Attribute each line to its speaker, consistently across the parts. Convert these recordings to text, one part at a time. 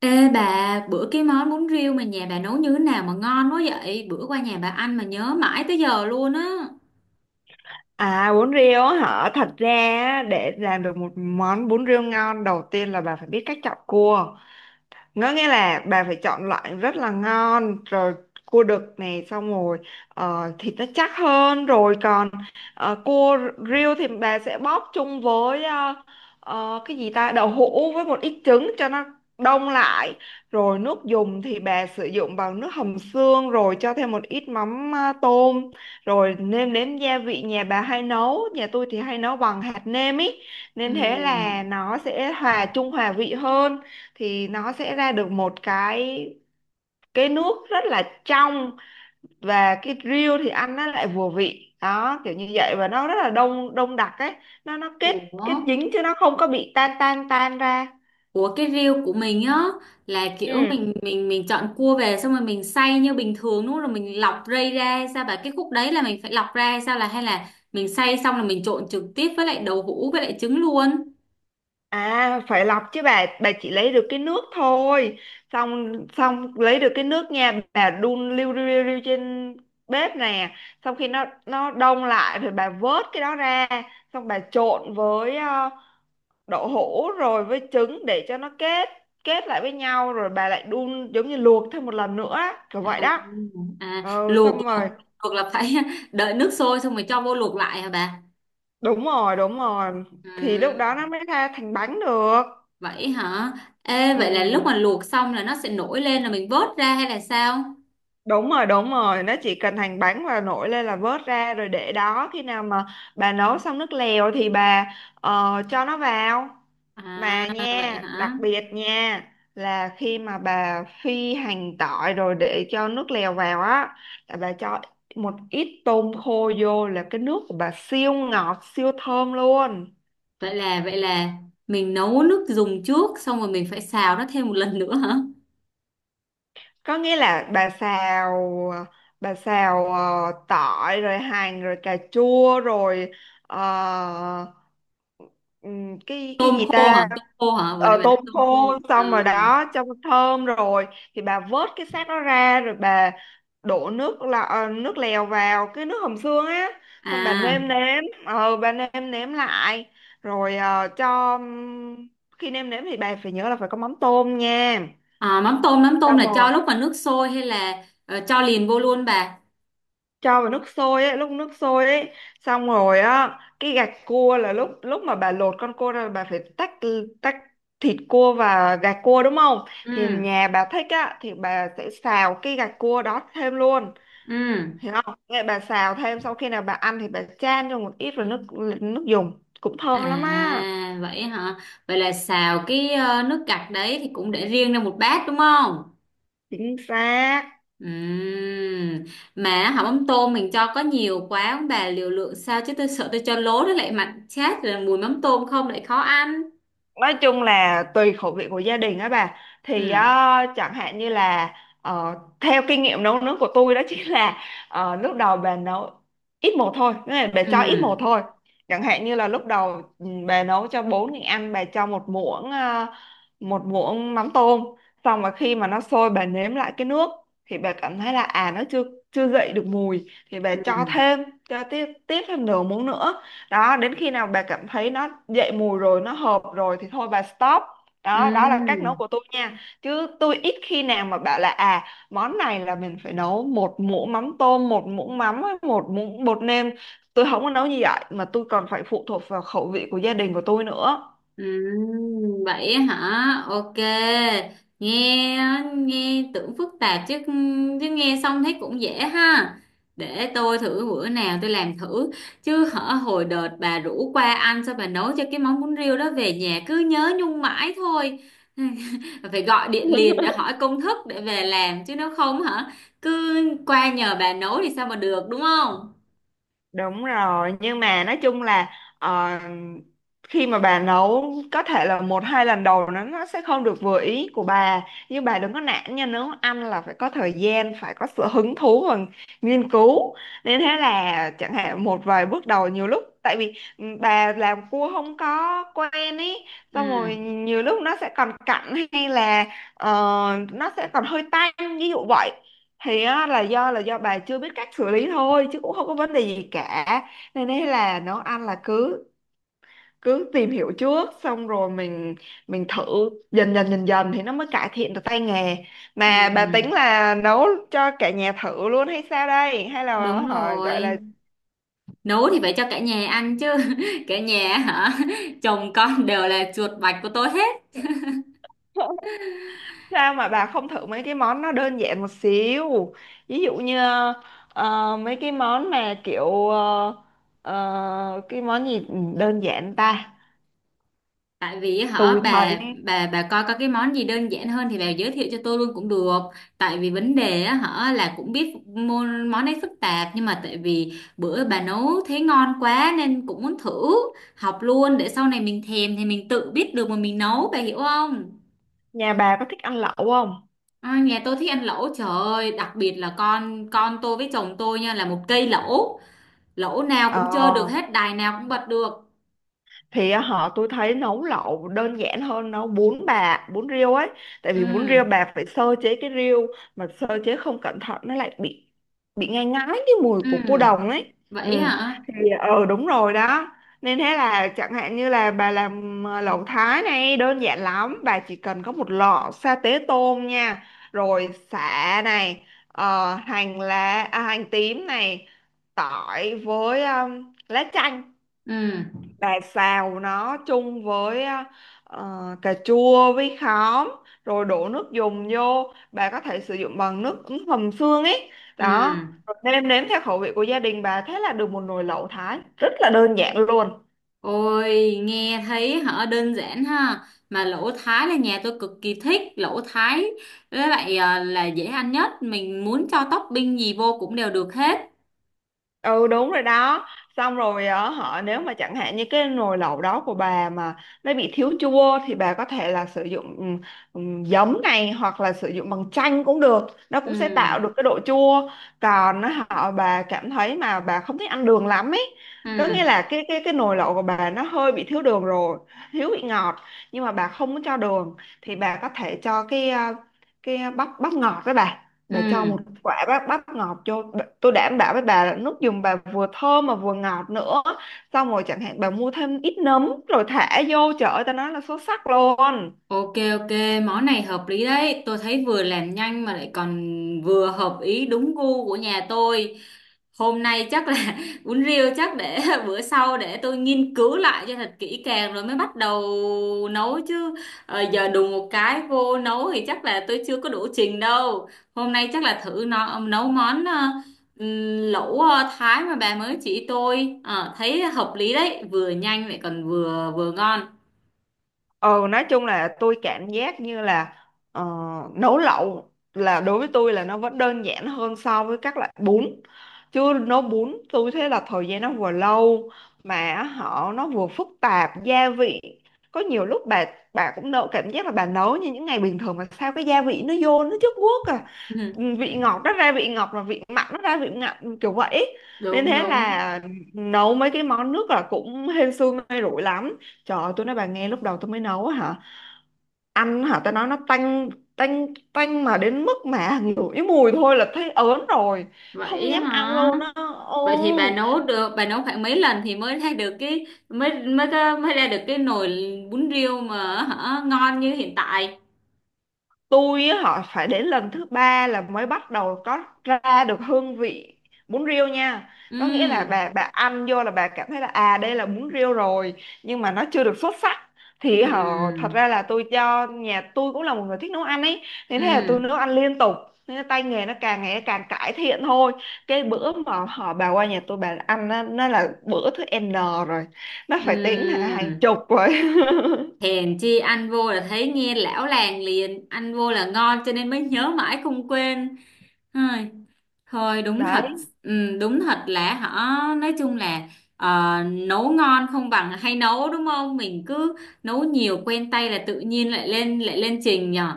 Speaker 1: Ê bà, bữa cái món bún riêu mà nhà bà nấu như thế nào mà ngon quá vậy? Bữa qua nhà bà ăn mà nhớ mãi tới giờ luôn á.
Speaker 2: À, bún riêu á hả? Để làm được một món bún riêu ngon, đầu tiên là bà phải biết cách chọn cua. Nó nghĩa là bà phải chọn loại rất là ngon rồi, cua đực này, xong rồi thịt nó chắc hơn rồi, còn cua riêu thì bà sẽ bóp chung với cái gì ta, đậu hũ với một ít trứng cho nó đông lại. Rồi nước dùng thì bà sử dụng bằng nước hầm xương, rồi cho thêm một ít mắm tôm, rồi nêm nếm gia vị. Nhà bà hay nấu, nhà tôi thì hay nấu bằng hạt nêm ý, nên thế
Speaker 1: Ừm.
Speaker 2: là nó sẽ hòa chung, hòa vị hơn, thì nó sẽ ra được một cái nước rất là trong. Và cái riêu thì ăn nó lại vừa vị đó, kiểu như vậy, và nó rất là đông, đông đặc ấy. Nó kết,
Speaker 1: Ủa?
Speaker 2: kết dính chứ nó không có bị tan, tan tan ra.
Speaker 1: Ủa cái riêu của mình á là kiểu
Speaker 2: Ừ,
Speaker 1: mình chọn cua về xong rồi mình xay như bình thường đúng không? Rồi mình lọc rây ra sao bà cái khúc đấy là mình phải lọc ra hay sao là hay là mình xay xong là mình trộn trực tiếp với lại đậu hũ với lại trứng luôn.
Speaker 2: à, phải lọc chứ bà chỉ lấy được cái nước thôi. Xong, xong lấy được cái nước nha, bà đun liu riu, riu riu trên bếp nè. Xong khi nó đông lại rồi, bà vớt cái đó ra, xong bà trộn với đậu hũ rồi với trứng để cho nó kết, kết lại với nhau. Rồi bà lại đun giống như luộc thêm một lần nữa, kiểu
Speaker 1: À,
Speaker 2: vậy đó.
Speaker 1: à
Speaker 2: Ừ,
Speaker 1: luộc
Speaker 2: xong rồi.
Speaker 1: luộc luộc là phải đợi nước sôi xong rồi cho vô luộc lại hả bà?
Speaker 2: Đúng rồi, đúng rồi,
Speaker 1: Ừ.
Speaker 2: thì lúc đó nó mới ra thành bánh được.
Speaker 1: Vậy hả? Ê, vậy là lúc
Speaker 2: Ừ,
Speaker 1: mà luộc xong là nó sẽ nổi lên là mình vớt ra hay là sao?
Speaker 2: đúng rồi, đúng rồi, nó chỉ cần hành bánh và nổi lên là vớt ra rồi để đó, khi nào mà bà nấu xong nước lèo thì bà cho nó vào.
Speaker 1: À,
Speaker 2: Mà
Speaker 1: vậy
Speaker 2: nha, đặc
Speaker 1: hả?
Speaker 2: biệt nha, là khi mà bà phi hành tỏi rồi để cho nước lèo vào á, là bà cho một ít tôm khô vô, là cái nước của bà siêu ngọt, siêu thơm luôn.
Speaker 1: Vậy là mình nấu nước dùng trước xong rồi mình phải xào nó thêm một lần nữa hả?
Speaker 2: Có nghĩa là bà xào, bà xào tỏi rồi hành rồi cà chua rồi ờ, cái
Speaker 1: Tôm
Speaker 2: gì
Speaker 1: khô hả?
Speaker 2: ta.
Speaker 1: Tôm khô hả? Vừa nãy
Speaker 2: Ờ,
Speaker 1: bạn nói
Speaker 2: tôm
Speaker 1: tôm khô.
Speaker 2: khô,
Speaker 1: À,
Speaker 2: xong rồi đó, cho thơm rồi thì bà vớt cái xác nó ra, rồi bà đổ nước là nước lèo vào cái nước hầm xương á. Xong bà
Speaker 1: à,
Speaker 2: nêm nếm, bà nêm nếm lại, rồi ờ, cho khi nêm nếm thì bà phải nhớ là phải có mắm tôm nha.
Speaker 1: à mắm tôm
Speaker 2: Xong
Speaker 1: là
Speaker 2: rồi
Speaker 1: cho lúc mà nước sôi hay là cho liền vô luôn bà?
Speaker 2: cho vào nước sôi ấy, lúc nước sôi ấy. Xong rồi á, cái gạch cua là lúc, lúc mà bà lột con cua ra là bà phải tách, tách thịt cua và gạch cua, đúng không? Thì
Speaker 1: Ừ,
Speaker 2: nhà bà thích á thì bà sẽ xào cái gạch cua đó thêm luôn,
Speaker 1: ừ.
Speaker 2: hiểu không? Vậy bà xào thêm, sau khi nào bà ăn thì bà chan cho một ít vào nước, nước dùng cũng thơm lắm á.
Speaker 1: À, vậy hả? Vậy là xào cái nước cặp đấy thì cũng để riêng ra một bát đúng không?
Speaker 2: Chính xác,
Speaker 1: Ừm. Mà hả mắm tôm mình cho có nhiều quá ông bà liều lượng sao chứ tôi sợ tôi cho lố nó lại mặn chát rồi mùi mắm tôm không lại khó ăn.
Speaker 2: nói chung là tùy khẩu vị của gia đình á bà. Thì
Speaker 1: Ừm,
Speaker 2: chẳng hạn như là ờ, theo kinh nghiệm nấu nướng của tôi đó chính là lúc đầu bà nấu ít một thôi, nghĩa là bà cho ít một
Speaker 1: ừm,
Speaker 2: thôi. Chẳng hạn như là lúc đầu bà nấu cho bốn người ăn, bà cho một muỗng một muỗng mắm tôm. Xong mà khi mà nó sôi bà nếm lại cái nước, thì bà cảm thấy là à nó chưa, chưa dậy được mùi thì bà cho
Speaker 1: ừm,
Speaker 2: thêm, cho tiếp, tiếp thêm nửa muỗng nữa. Đó, đến khi nào bà cảm thấy nó dậy mùi rồi, nó hợp rồi thì thôi bà stop. Đó, đó là cách nấu
Speaker 1: ừm.
Speaker 2: của tôi nha, chứ tôi ít khi nào mà bảo là à, món này là mình phải nấu một muỗng mắm tôm, một muỗng mắm với một muỗng bột nêm. Tôi không có nấu như vậy, mà tôi còn phải phụ thuộc vào khẩu vị của gia đình của tôi nữa.
Speaker 1: Vậy hả? Ok. Nghe nghe tưởng phức tạp chứ chứ nghe xong thấy cũng dễ ha. Để tôi thử bữa nào tôi làm thử. Chứ hở hồi đợt bà rủ qua ăn sao bà nấu cho cái món bún riêu đó về nhà cứ nhớ nhung mãi thôi. Phải gọi điện liền để hỏi công thức để về làm chứ nếu không hả cứ qua nhờ bà nấu thì sao mà được đúng không?
Speaker 2: Đúng rồi, nhưng mà nói chung là ờ, khi mà bà nấu, có thể là một hai lần đầu nó sẽ không được vừa ý của bà, nhưng bà đừng có nản nha, nấu ăn là phải có thời gian, phải có sự hứng thú và nghiên cứu. Nên thế là chẳng hạn một vài bước đầu, nhiều lúc tại vì bà làm cua không có quen ý, xong
Speaker 1: Ừ.
Speaker 2: rồi nhiều lúc nó sẽ còn cặn, hay là ờ, nó sẽ còn hơi tanh, ví dụ vậy, thì á, là do bà chưa biết cách xử lý thôi, chứ cũng không có vấn đề gì cả. Nên đấy, là nấu ăn là cứ, cứ tìm hiểu trước, xong rồi mình thử dần dần, dần dần thì nó mới cải thiện được tay nghề. Mà bà tính
Speaker 1: Ừ.
Speaker 2: là nấu cho cả nhà thử luôn hay sao đây, hay là
Speaker 1: Đúng
Speaker 2: hả, gọi là
Speaker 1: rồi. Nấu thì phải cho cả nhà ăn chứ. Cả nhà hả, chồng con đều là chuột bạch của tôi hết.
Speaker 2: sao mà bà không thử mấy cái món nó đơn giản một xíu? Ví dụ như mấy cái món mà kiểu cái món gì đơn giản ta.
Speaker 1: Tại vì hả
Speaker 2: Tôi thấy
Speaker 1: bà, bà coi có cái món gì đơn giản hơn thì bà giới thiệu cho tôi luôn cũng được. Tại vì vấn đề á hả là cũng biết món món ấy phức tạp nhưng mà tại vì bữa bà nấu thấy ngon quá nên cũng muốn thử học luôn để sau này mình thèm thì mình tự biết được mà mình nấu bà hiểu không.
Speaker 2: nhà bà có thích ăn lẩu không?
Speaker 1: À, nhà tôi thích ăn lẩu trời ơi đặc biệt là con tôi với chồng tôi nha là một cây lẩu, lỗ nào
Speaker 2: Ờ,
Speaker 1: cũng chơi được hết đài nào cũng bật được.
Speaker 2: thì á, họ tôi thấy nấu lẩu đơn giản hơn nấu bún bà, bún riêu ấy. Tại vì bún riêu
Speaker 1: Ừ,
Speaker 2: bà phải sơ chế cái riêu, mà sơ chế không cẩn thận nó lại bị ngai ngái cái mùi
Speaker 1: ừ,
Speaker 2: của cua đồng ấy. Ừ,
Speaker 1: vậy hả,
Speaker 2: thì ờ, đúng rồi đó. Nên thế là chẳng hạn như là bà làm lẩu Thái này, đơn giản lắm, bà chỉ cần có một lọ sa tế tôm nha, rồi sả này, hành lá, à, hành tím này, tỏi với lá chanh.
Speaker 1: ừ,
Speaker 2: Bà xào nó chung với cà chua với khóm, rồi đổ nước dùng vô, bà có thể sử dụng bằng nước ứng hầm xương ấy đó.
Speaker 1: ừ.
Speaker 2: Rồi nêm nếm theo khẩu vị của gia đình bà, thế là được một nồi lẩu Thái rất là đơn giản luôn.
Speaker 1: Ôi nghe thấy hả đơn giản ha, mà lỗ thái là nhà tôi cực kỳ thích lỗ thái với lại à, là dễ ăn nhất mình muốn cho topping gì vô cũng đều được hết.
Speaker 2: Ừ, đúng rồi đó. Xong rồi ở họ, nếu mà chẳng hạn như cái nồi lẩu đó của bà mà nó bị thiếu chua, thì bà có thể là sử dụng giấm này, hoặc là sử dụng bằng chanh cũng được, nó cũng sẽ tạo
Speaker 1: Ừ,
Speaker 2: được cái độ chua. Còn á, họ bà cảm thấy mà bà không thích ăn đường lắm ấy,
Speaker 1: ừ,
Speaker 2: có nghĩa là cái nồi lẩu của bà nó hơi bị thiếu đường rồi, thiếu vị ngọt, nhưng mà bà không muốn cho đường, thì bà có thể cho cái à, cái bắp, bắp ngọt đó bà.
Speaker 1: ừ.
Speaker 2: Bà cho một quả bắp, bắp ngọt cho bà- tôi đảm bảo với bà là nước dùng bà vừa thơm mà vừa ngọt nữa. Xong rồi chẳng hạn bà mua thêm ít nấm rồi thả vô, trời ơi ta nói là xuất sắc luôn.
Speaker 1: Ok, ok, món này hợp lý đấy tôi thấy vừa làm nhanh mà lại còn vừa hợp ý đúng gu của nhà tôi. Hôm nay chắc là uống rượu chắc để bữa sau để tôi nghiên cứu lại cho thật kỹ càng rồi mới bắt đầu nấu chứ. Giờ đùng một cái vô nấu thì chắc là tôi chưa có đủ trình đâu. Hôm nay chắc là thử nó nấu món lẩu Thái mà bà mới chỉ tôi. Ờ, thấy hợp lý đấy vừa nhanh lại còn vừa vừa ngon.
Speaker 2: Ừ, nói chung là tôi cảm giác như là ờ, nấu lẩu là đối với tôi là nó vẫn đơn giản hơn so với các loại bún. Chưa nấu bún, tôi thấy là thời gian nó vừa lâu, mà họ nó vừa phức tạp gia vị. Có nhiều lúc bà cũng nấu cảm giác là bà nấu như những ngày bình thường, mà sao cái gia vị nó vô nó chất guốc à. Ừ, vị ngọt nó ra vị ngọt, và vị mặn nó ra vị mặn, kiểu vậy. Nên
Speaker 1: Đúng
Speaker 2: thế
Speaker 1: đúng,
Speaker 2: là nấu mấy cái món nước là cũng hên xui may rủi lắm. Trời ơi tôi nói bà nghe, lúc đầu tôi mới nấu á hả, ăn hả tao nói nó tanh, tanh, tanh mà đến mức mà ngửi mùi thôi là thấy ớn rồi, không
Speaker 1: vậy
Speaker 2: dám ăn
Speaker 1: hả.
Speaker 2: luôn á. Ừ,
Speaker 1: Vậy thì bà nấu được bà nấu khoảng mấy lần thì mới ra được cái mới mới có, mới ra được cái nồi bún riêu mà hả, ngon như hiện tại.
Speaker 2: tôi á, họ phải đến lần thứ ba là mới bắt đầu có ra được hương vị bún riêu nha. Có nghĩa là
Speaker 1: Ừm,
Speaker 2: bà ăn vô là bà cảm thấy là à đây là bún riêu rồi, nhưng mà nó chưa được xuất sắc. Thì họ thật
Speaker 1: ừm,
Speaker 2: ra là tôi cho nhà tôi cũng là một người thích nấu ăn ấy, nên thế là tôi
Speaker 1: ừm,
Speaker 2: nấu ăn liên tục, nên là tay nghề nó càng ngày càng cải thiện thôi. Cái bữa mà họ bà qua nhà tôi bà ăn nó là bữa thứ N rồi, nó phải tính hàng,
Speaker 1: ừm.
Speaker 2: hàng chục rồi.
Speaker 1: Hèn chi ăn vô là thấy nghe lão làng liền, ăn vô là ngon cho nên mới nhớ mãi không quên. Thôi, thôi đúng thật,
Speaker 2: Đấy.
Speaker 1: ừm, đúng thật là họ nói chung là nấu ngon không bằng hay nấu đúng không? Mình cứ nấu nhiều quen tay là tự nhiên lại lên trình nhở.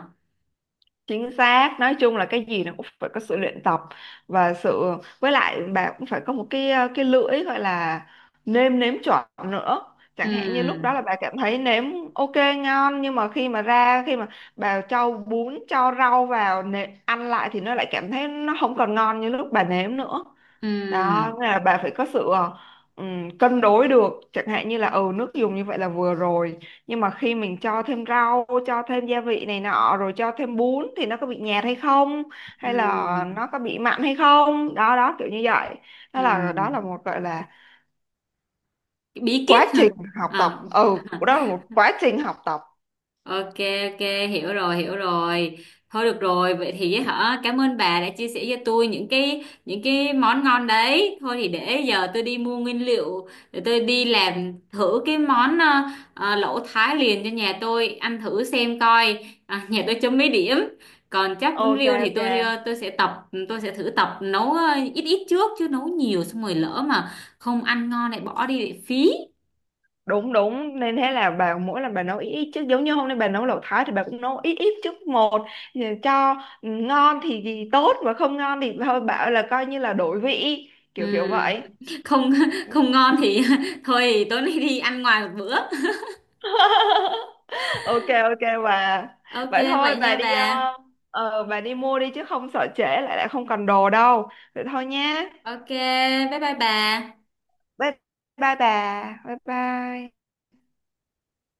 Speaker 2: Chính xác, nói chung là cái gì nó cũng phải có sự luyện tập và sự, với lại bà cũng phải có một cái cái lưỡi gọi là nêm nếm chuẩn nữa.
Speaker 1: Ừ,
Speaker 2: Chẳng hạn như lúc đó là bà cảm thấy nếm ok ngon, nhưng mà khi mà ra, khi mà bà cho bún cho rau vào nè, ăn lại thì nó lại cảm thấy nó không còn ngon như lúc bà nếm nữa. Đó,
Speaker 1: ừ,
Speaker 2: nghĩa là bà phải có sự cân đối được, chẳng hạn như là ừ nước dùng như vậy là vừa rồi, nhưng mà khi mình cho thêm rau, cho thêm gia vị này nọ, rồi cho thêm bún, thì nó có bị nhạt hay không, hay là
Speaker 1: ừ,
Speaker 2: nó có bị mặn hay không, đó đó kiểu như vậy.
Speaker 1: ừ,
Speaker 2: Đó là, đó là một gọi là
Speaker 1: bí kíp
Speaker 2: quá
Speaker 1: hả.
Speaker 2: trình học tập,
Speaker 1: Ờ,
Speaker 2: ừ đó là một quá trình học tập.
Speaker 1: ok, ok, hiểu rồi hiểu rồi, thôi được rồi vậy thì hả cảm ơn bà đã chia sẻ cho tôi những cái món ngon đấy thôi thì để giờ tôi đi mua nguyên liệu để tôi đi làm thử cái món lẩu Thái liền cho nhà tôi ăn thử xem coi à, nhà tôi chấm mấy điểm. Còn chắc bún
Speaker 2: Ok,
Speaker 1: riêu thì
Speaker 2: ok,
Speaker 1: tôi ờ, tôi sẽ thử tập nấu ít ít trước chứ nấu nhiều xong rồi lỡ mà không ăn ngon lại bỏ đi lại phí.
Speaker 2: đúng đúng. Nên thế là bà mỗi lần bà nấu ít ít, chứ giống như hôm nay bà nấu lẩu Thái thì bà cũng nấu ít ít chút một, cho ngon thì tốt, mà không ngon thì thôi bảo là coi như là đổi vị,
Speaker 1: Ừ,
Speaker 2: kiểu kiểu vậy.
Speaker 1: không không ngon thì thôi tối nay đi ăn ngoài một bữa.
Speaker 2: Ok, ok bà.
Speaker 1: Ok,
Speaker 2: Vậy thôi
Speaker 1: vậy
Speaker 2: bà
Speaker 1: nha
Speaker 2: đi
Speaker 1: bà.
Speaker 2: bà đi mua đi, chứ không sợ trễ lại, lại không còn đồ đâu. Vậy thôi nhé,
Speaker 1: Ok, bye bye bà.
Speaker 2: bye bye bà, bye bye.